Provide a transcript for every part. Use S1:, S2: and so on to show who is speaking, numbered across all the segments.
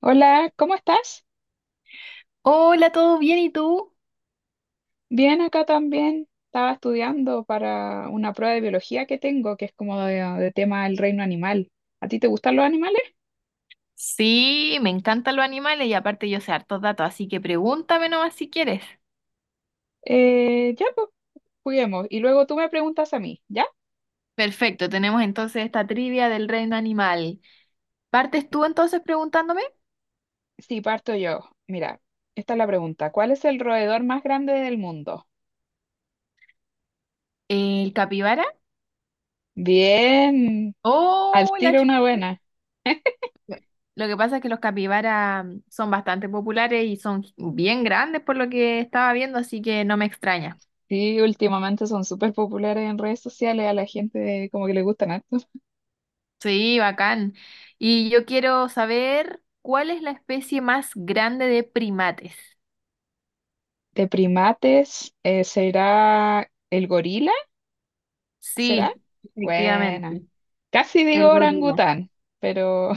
S1: Hola, ¿cómo estás?
S2: Hola, ¿todo bien? ¿Y tú?
S1: Bien, acá también. Estaba estudiando para una prueba de biología que tengo, que es como de tema del reino animal. ¿A ti te gustan los animales?
S2: Sí, me encantan los animales y aparte yo sé hartos datos, así que pregúntame nomás si quieres.
S1: Ya, pues, juguemos. Y luego tú me preguntas a mí, ¿ya?
S2: Perfecto, tenemos entonces esta trivia del reino animal. ¿Partes tú entonces preguntándome?
S1: Sí, parto yo. Mira, esta es la pregunta. ¿Cuál es el roedor más grande del mundo?
S2: ¿El capibara?
S1: Bien, al
S2: ¡Oh, la
S1: tiro una
S2: chu-
S1: buena.
S2: Lo que pasa es que los capibaras son bastante populares y son bien grandes por lo que estaba viendo, así que no me extraña.
S1: Sí, últimamente son súper populares en redes sociales, a la gente como que le gustan harto.
S2: Sí, bacán. Y yo quiero saber cuál es la especie más grande de primates.
S1: De primates, ¿será el gorila? ¿Será?
S2: Sí,
S1: Buena.
S2: efectivamente,
S1: Casi digo
S2: el gorila.
S1: orangután, pero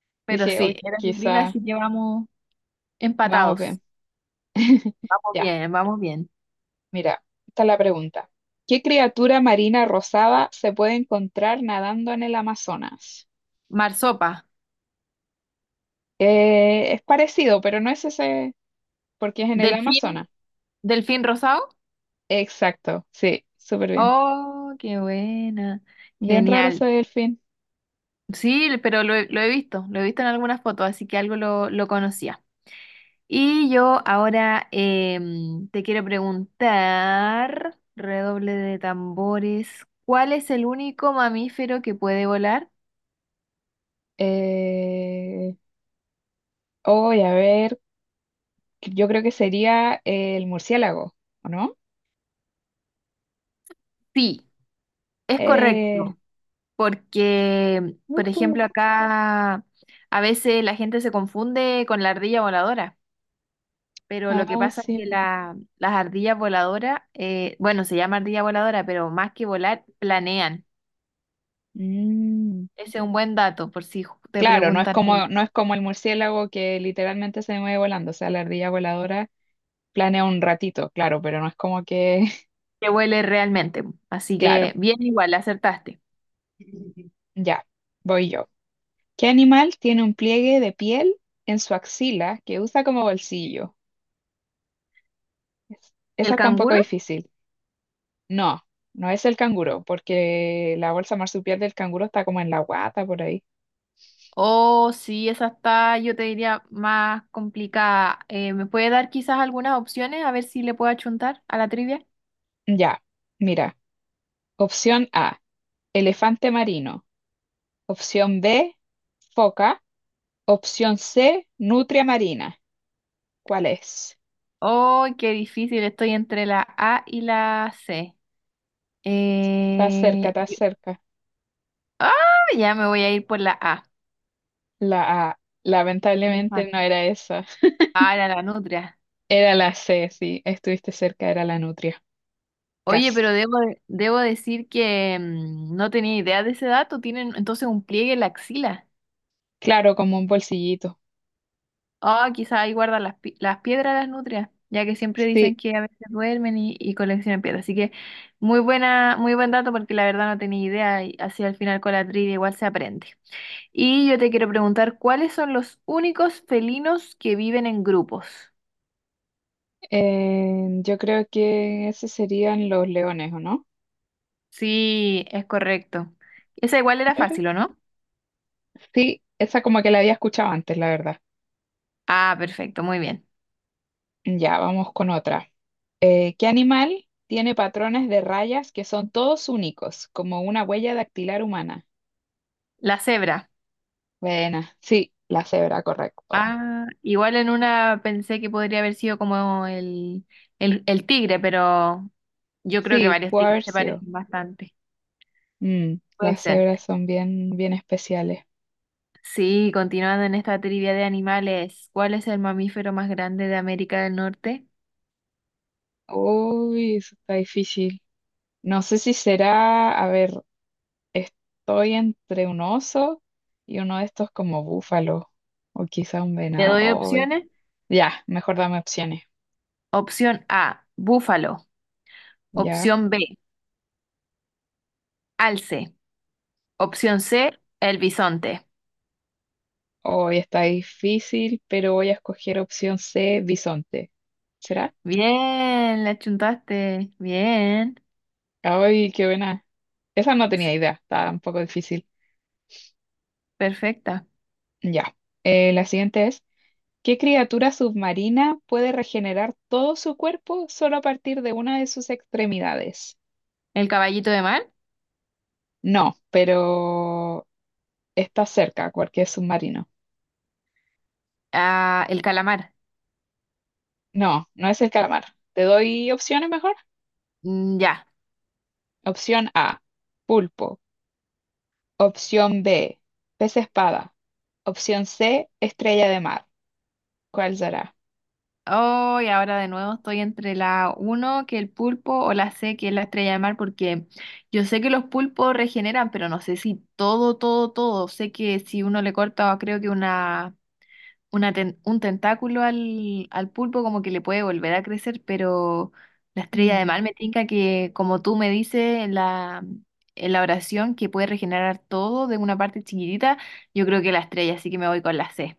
S2: Pero
S1: dije,
S2: sí,
S1: hoy
S2: era el gorila,
S1: quizá
S2: así que vamos
S1: vamos
S2: empatados.
S1: bien.
S2: Vamos
S1: Ya,
S2: bien, vamos bien.
S1: mira, está la pregunta. ¿Qué criatura marina rosada se puede encontrar nadando en el Amazonas?
S2: Marsopa,
S1: Es parecido, pero no es ese, porque es en el
S2: delfín,
S1: Amazonas.
S2: delfín rosado.
S1: Exacto, sí, súper bien.
S2: Oh, qué buena.
S1: Bien raro ese
S2: Genial.
S1: delfín.
S2: Sí, pero lo he visto en algunas fotos, así que algo lo conocía. Y yo ahora te quiero preguntar, redoble de tambores, ¿cuál es el único mamífero que puede volar?
S1: Eh, hoy, a ver, yo creo que sería el murciélago, ¿o no?
S2: Sí, es
S1: Eh,
S2: correcto. Porque, por
S1: ujú.
S2: ejemplo, acá a veces la gente se confunde con la ardilla voladora, pero lo que
S1: Ah,
S2: pasa es
S1: sí,
S2: que
S1: pues.
S2: la- las ardillas voladoras, bueno, se llama ardilla voladora, pero más que volar, planean.
S1: Mm.
S2: Ese es un buen dato por si ju- te
S1: Claro,
S2: preguntan
S1: no es como el murciélago que literalmente se mueve volando, o sea, la ardilla voladora planea un ratito, claro, pero no es como que,
S2: qué huele realmente. Así
S1: claro,
S2: que bien igual, acertaste.
S1: ya, voy yo. ¿Qué animal tiene un pliegue de piel en su axila que usa como bolsillo? Es- Esa
S2: ¿El
S1: está un poco
S2: canguro?
S1: difícil. No, no es el canguro, porque la bolsa marsupial del canguro está como en la guata por ahí.
S2: Oh, sí, esa está, yo te diría, más complicada. ¿Me puede dar quizás algunas opciones a ver si le puedo achuntar a la trivia?
S1: Ya, mira, opción A, elefante marino. Opción B, foca. Opción C, nutria marina. ¿Cuál es?
S2: Oh, qué difícil, estoy entre la A y la C.
S1: Está cerca,
S2: Eh,
S1: está cerca.
S2: Ah, ya me voy a ir por la A.
S1: La A. Lamentablemente
S2: Elefante.
S1: no era esa.
S2: Ah, era la nutria.
S1: Era la C, sí. Estuviste cerca, era la nutria.
S2: Oye,
S1: Casi.
S2: pero debo, de- debo decir que no tenía idea de ese dato. Tienen entonces un pliegue en la axila.
S1: Claro, como un bolsillito.
S2: Ah, quizá ahí guardan las, pi- las piedras las nutrias, ya que siempre
S1: Sí,
S2: dicen que a veces duermen y coleccionan piedras. Así que muy buena, muy buen dato porque la verdad no tenía idea y así al final con la trivia igual se aprende. Y yo te quiero preguntar, ¿cuáles son los únicos felinos que viven en grupos?
S1: yo creo que esos serían los leones, ¿o no?
S2: Sí, es correcto. Esa igual era
S1: Pero-
S2: fácil, ¿o no?
S1: sí, esa como que la había escuchado antes, la verdad.
S2: Ah, perfecto, muy bien.
S1: Ya, vamos con otra. ¿Qué animal tiene patrones de rayas que son todos únicos, como una huella dactilar humana?
S2: La cebra.
S1: Buena, sí, la cebra, correcto.
S2: Ah, igual en una pensé que podría haber sido como el tigre, pero yo creo que
S1: Sí,
S2: varios
S1: pudo
S2: tigres
S1: haber
S2: se
S1: sido.
S2: parecen bastante.
S1: Mm,
S2: Puede
S1: las
S2: ser.
S1: cebras son bien, bien especiales.
S2: Sí, continuando en esta trivia de animales, ¿cuál es el mamífero más grande de América del Norte?
S1: Uy, eso está difícil. No sé si será, a ver, estoy entre un oso y uno de estos como búfalo, o quizá un
S2: ¿Te doy
S1: venado. Uy,
S2: opciones?
S1: ya, mejor dame opciones.
S2: Opción A, búfalo.
S1: Ya.
S2: Opción B, alce. Opción C, el bisonte.
S1: Hoy está difícil, pero voy a escoger opción C, bisonte. ¿Será?
S2: Bien, la chuntaste. Bien,
S1: Ay, qué buena. Esa no tenía idea, está un poco difícil.
S2: perfecta.
S1: Ya. La siguiente es, ¿qué criatura submarina puede regenerar todo su cuerpo solo a partir de una de sus extremidades?
S2: ¿El caballito de mar?
S1: No, pero está cerca, cualquier submarino.
S2: Ah, el calamar.
S1: No, no es el calamar. ¿Te doy opciones mejor?
S2: Mm, ya.
S1: Opción A, pulpo. Opción B, pez espada. Opción C, estrella de mar. ¿Cuál será?
S2: Oh, y ahora de nuevo estoy entre la uno que el pulpo, o la C, que es la estrella de mar, porque yo sé que los pulpos regeneran, pero no sé si todo, todo, todo. Sé que si uno le corta, creo que una ten- un tentáculo al, al pulpo como que le puede volver a crecer, pero la estrella de
S1: Mm.
S2: mar me tinca que, como tú me dices en la oración, que puede regenerar todo de una parte chiquitita, yo creo que la estrella, así que me voy con la C.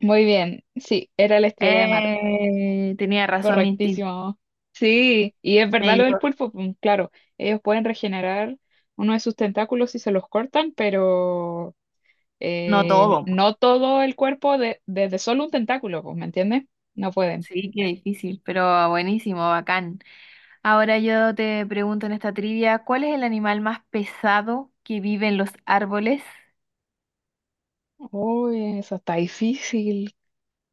S1: Muy bien, sí, era la estrella de mar.
S2: Tenía razón mi instinto.
S1: Correctísimo. Sí, y es
S2: Me
S1: verdad lo del
S2: equivo-
S1: pulpo, pum, claro, ellos pueden regenerar uno de sus tentáculos si se los cortan, pero
S2: no todo.
S1: no todo el cuerpo de- desde solo un tentáculo, pues, ¿me entiendes? No pueden.
S2: Sí, qué difícil, pero buenísimo, bacán. Ahora yo te pregunto en esta trivia, ¿cuál es el animal más pesado que vive en los árboles?
S1: Uy, eso está difícil.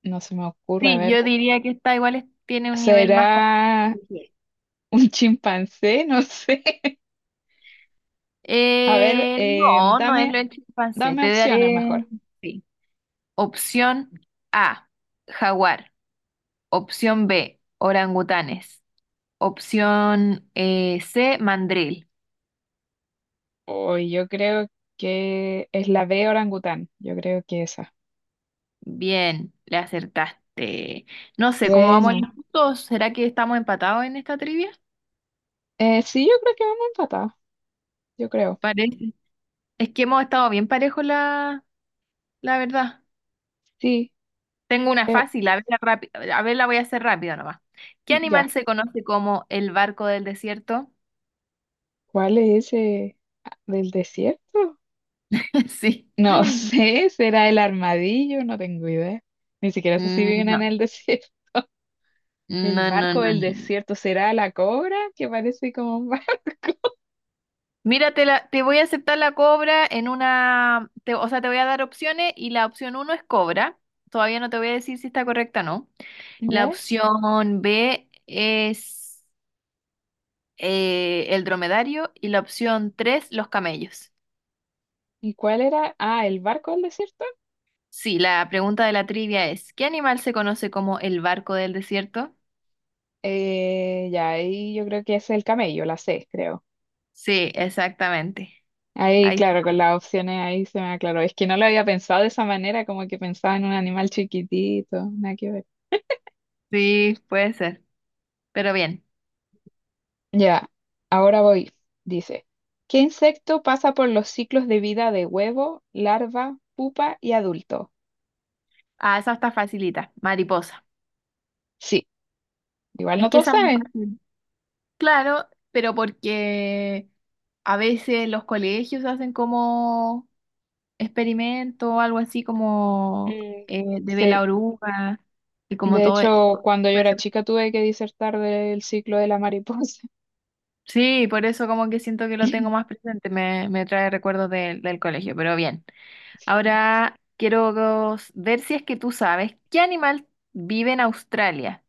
S1: No se me ocurre, a
S2: Sí,
S1: ver,
S2: yo diría que esta igual es- tiene un nivel más
S1: ¿será
S2: complejo.
S1: un chimpancé? No sé. A ver,
S2: No, no es lo del chimpancé.
S1: dame
S2: Te
S1: opciones
S2: daré
S1: mejor.
S2: sí. Opción A, jaguar. Opción B, orangutanes. Opción C, mandril.
S1: Uy, yo creo que es la B orangután. Yo creo que esa.
S2: Bien, le acertaste. No sé, ¿cómo vamos
S1: Bueno,
S2: los puntos? ¿Será que estamos empatados en esta trivia?
S1: sí, yo creo que vamos empatados. Yo creo.
S2: Parece. Es que hemos estado bien parejos, la verdad.
S1: Sí,
S2: Tengo una
S1: eh,
S2: fácil, a ver, la rápi- a ver, la voy a hacer rápido nomás. ¿Qué
S1: ya.
S2: animal se conoce como el barco del desierto?
S1: ¿Cuál es ese? Ah, ¿del desierto?
S2: Sí.
S1: No sé, será el armadillo, no tengo idea. Ni siquiera sé si
S2: Mm,
S1: viven en
S2: no,
S1: el desierto. El
S2: no, no,
S1: barco
S2: no,
S1: del
S2: no.
S1: desierto será la cobra, que parece como un barco.
S2: Mira, te, la- te voy a aceptar la cobra en una, te- o sea, te voy a dar opciones y la opción uno es cobra. Todavía no te voy a decir si está correcta o no. La
S1: ¿Ya?
S2: opción B es el dromedario y la opción tres, los camellos.
S1: ¿Y cuál era? Ah, el barco del desierto.
S2: Sí, la pregunta de la trivia es, ¿qué animal se conoce como el barco del desierto?
S1: Ya ahí yo creo que es el camello, la C, creo.
S2: Sí, exactamente.
S1: Ahí,
S2: Ahí
S1: claro, con
S2: está.
S1: las opciones ahí se me aclaró. Es que no lo había pensado de esa manera, como que pensaba en un animal chiquitito, nada que ver.
S2: Sí, puede ser. Pero bien.
S1: Ya, ahora voy. Dice, ¿qué insecto pasa por los ciclos de vida de huevo, larva, pupa y adulto?
S2: Ah, esa está facilita. Mariposa.
S1: Sí, igual
S2: Es
S1: no
S2: que
S1: todos
S2: esa es más
S1: saben.
S2: fácil. Claro, pero porque a veces los colegios hacen como experimento o algo así como
S1: Mm,
S2: de ver la
S1: sí,
S2: oruga y como
S1: de
S2: todo. E-
S1: hecho, cuando yo
S2: Puede
S1: era
S2: ser.
S1: chica tuve que disertar del ciclo de la mariposa.
S2: Sí, por eso como que siento que lo tengo más presente. Me trae recuerdos del del colegio, pero bien. Ahora quiero ver si es que tú sabes qué animal vive en Australia.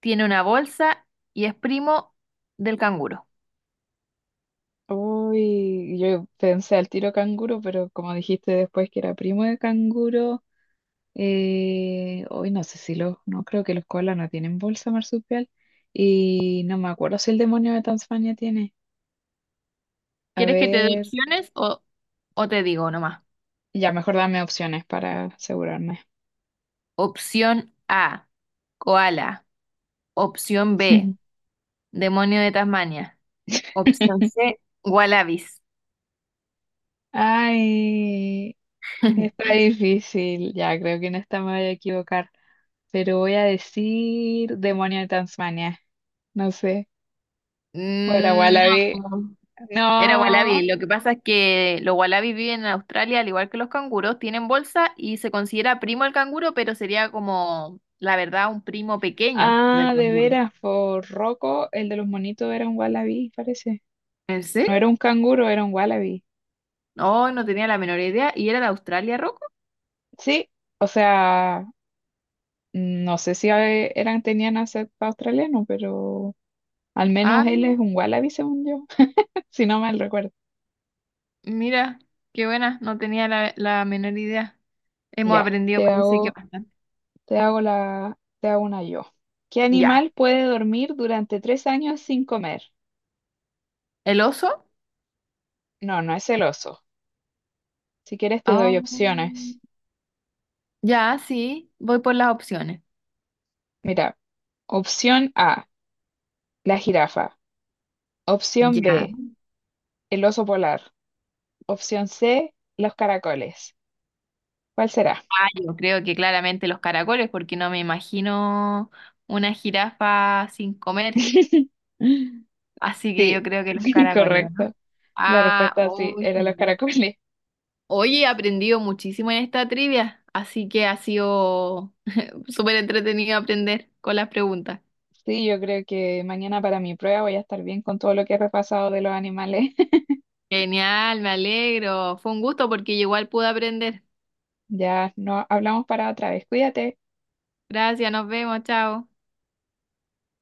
S2: Tiene una bolsa y es primo del canguro.
S1: Uy, yo pensé al tiro canguro, pero como dijiste después que era primo de canguro, hoy no sé si los, no creo que los koalas no tienen bolsa marsupial y no me acuerdo si el demonio de Tasmania tiene. A
S2: ¿Quieres que te dé
S1: ver,
S2: opciones o te digo nomás?
S1: ya mejor dame opciones para asegurarme.
S2: Opción A, koala. Opción B, demonio de Tasmania. Opción C, wallabies.
S1: Ay, está difícil, ya creo que en esta me voy a equivocar, pero voy a decir demonio de Tasmania, no sé, o era
S2: Mm,
S1: Wallaby.
S2: no. Era
S1: No.
S2: wallaby. Lo que pasa es que los wallabies viven en Australia al igual que los canguros, tienen bolsa y se considera primo al canguro, pero sería como, la verdad, un primo pequeño del
S1: Ah, de
S2: canguro.
S1: veras, por Rocco, el de los monitos era un wallaby, parece.
S2: ¿En
S1: No
S2: serio?
S1: era un canguro, era un wallaby.
S2: No, no tenía la menor idea. ¿Y era de Australia, Rocco?
S1: Sí, o sea, no sé si eran, tenían acento australiano, pero al
S2: Ah,
S1: menos él
S2: mira,
S1: es un wallaby, según yo, si no mal recuerdo.
S2: mira, qué buena, no tenía la, la menor idea. Hemos
S1: Ya,
S2: aprendido, parece que bastante.
S1: te hago una yo. ¿Qué
S2: Ya,
S1: animal puede dormir durante 3 años sin comer?
S2: ¿el oso?
S1: No, no es el oso. Si quieres te
S2: Ah,
S1: doy opciones.
S2: ya, sí, voy por las opciones.
S1: Mira, opción A, la jirafa. Opción
S2: Ya.
S1: B, el oso polar. Opción C, los caracoles. ¿Cuál será?
S2: Ah, yo creo que claramente los caracoles, porque no me imagino una jirafa sin comer. Así que
S1: Sí,
S2: yo creo que los caracoles, ¿o
S1: correcto.
S2: ¿no?
S1: La
S2: Ah,
S1: respuesta sí,
S2: uy
S1: era los
S2: genial.
S1: caracoles.
S2: Oye, he aprendido muchísimo en esta trivia, así que ha sido súper entretenido aprender con las preguntas.
S1: Sí, yo creo que mañana para mi prueba voy a estar bien con todo lo que he repasado de los animales.
S2: Genial, me alegro. Fue un gusto porque yo igual pude aprender.
S1: Ya no hablamos para otra vez. Cuídate.
S2: Gracias, nos vemos, chao.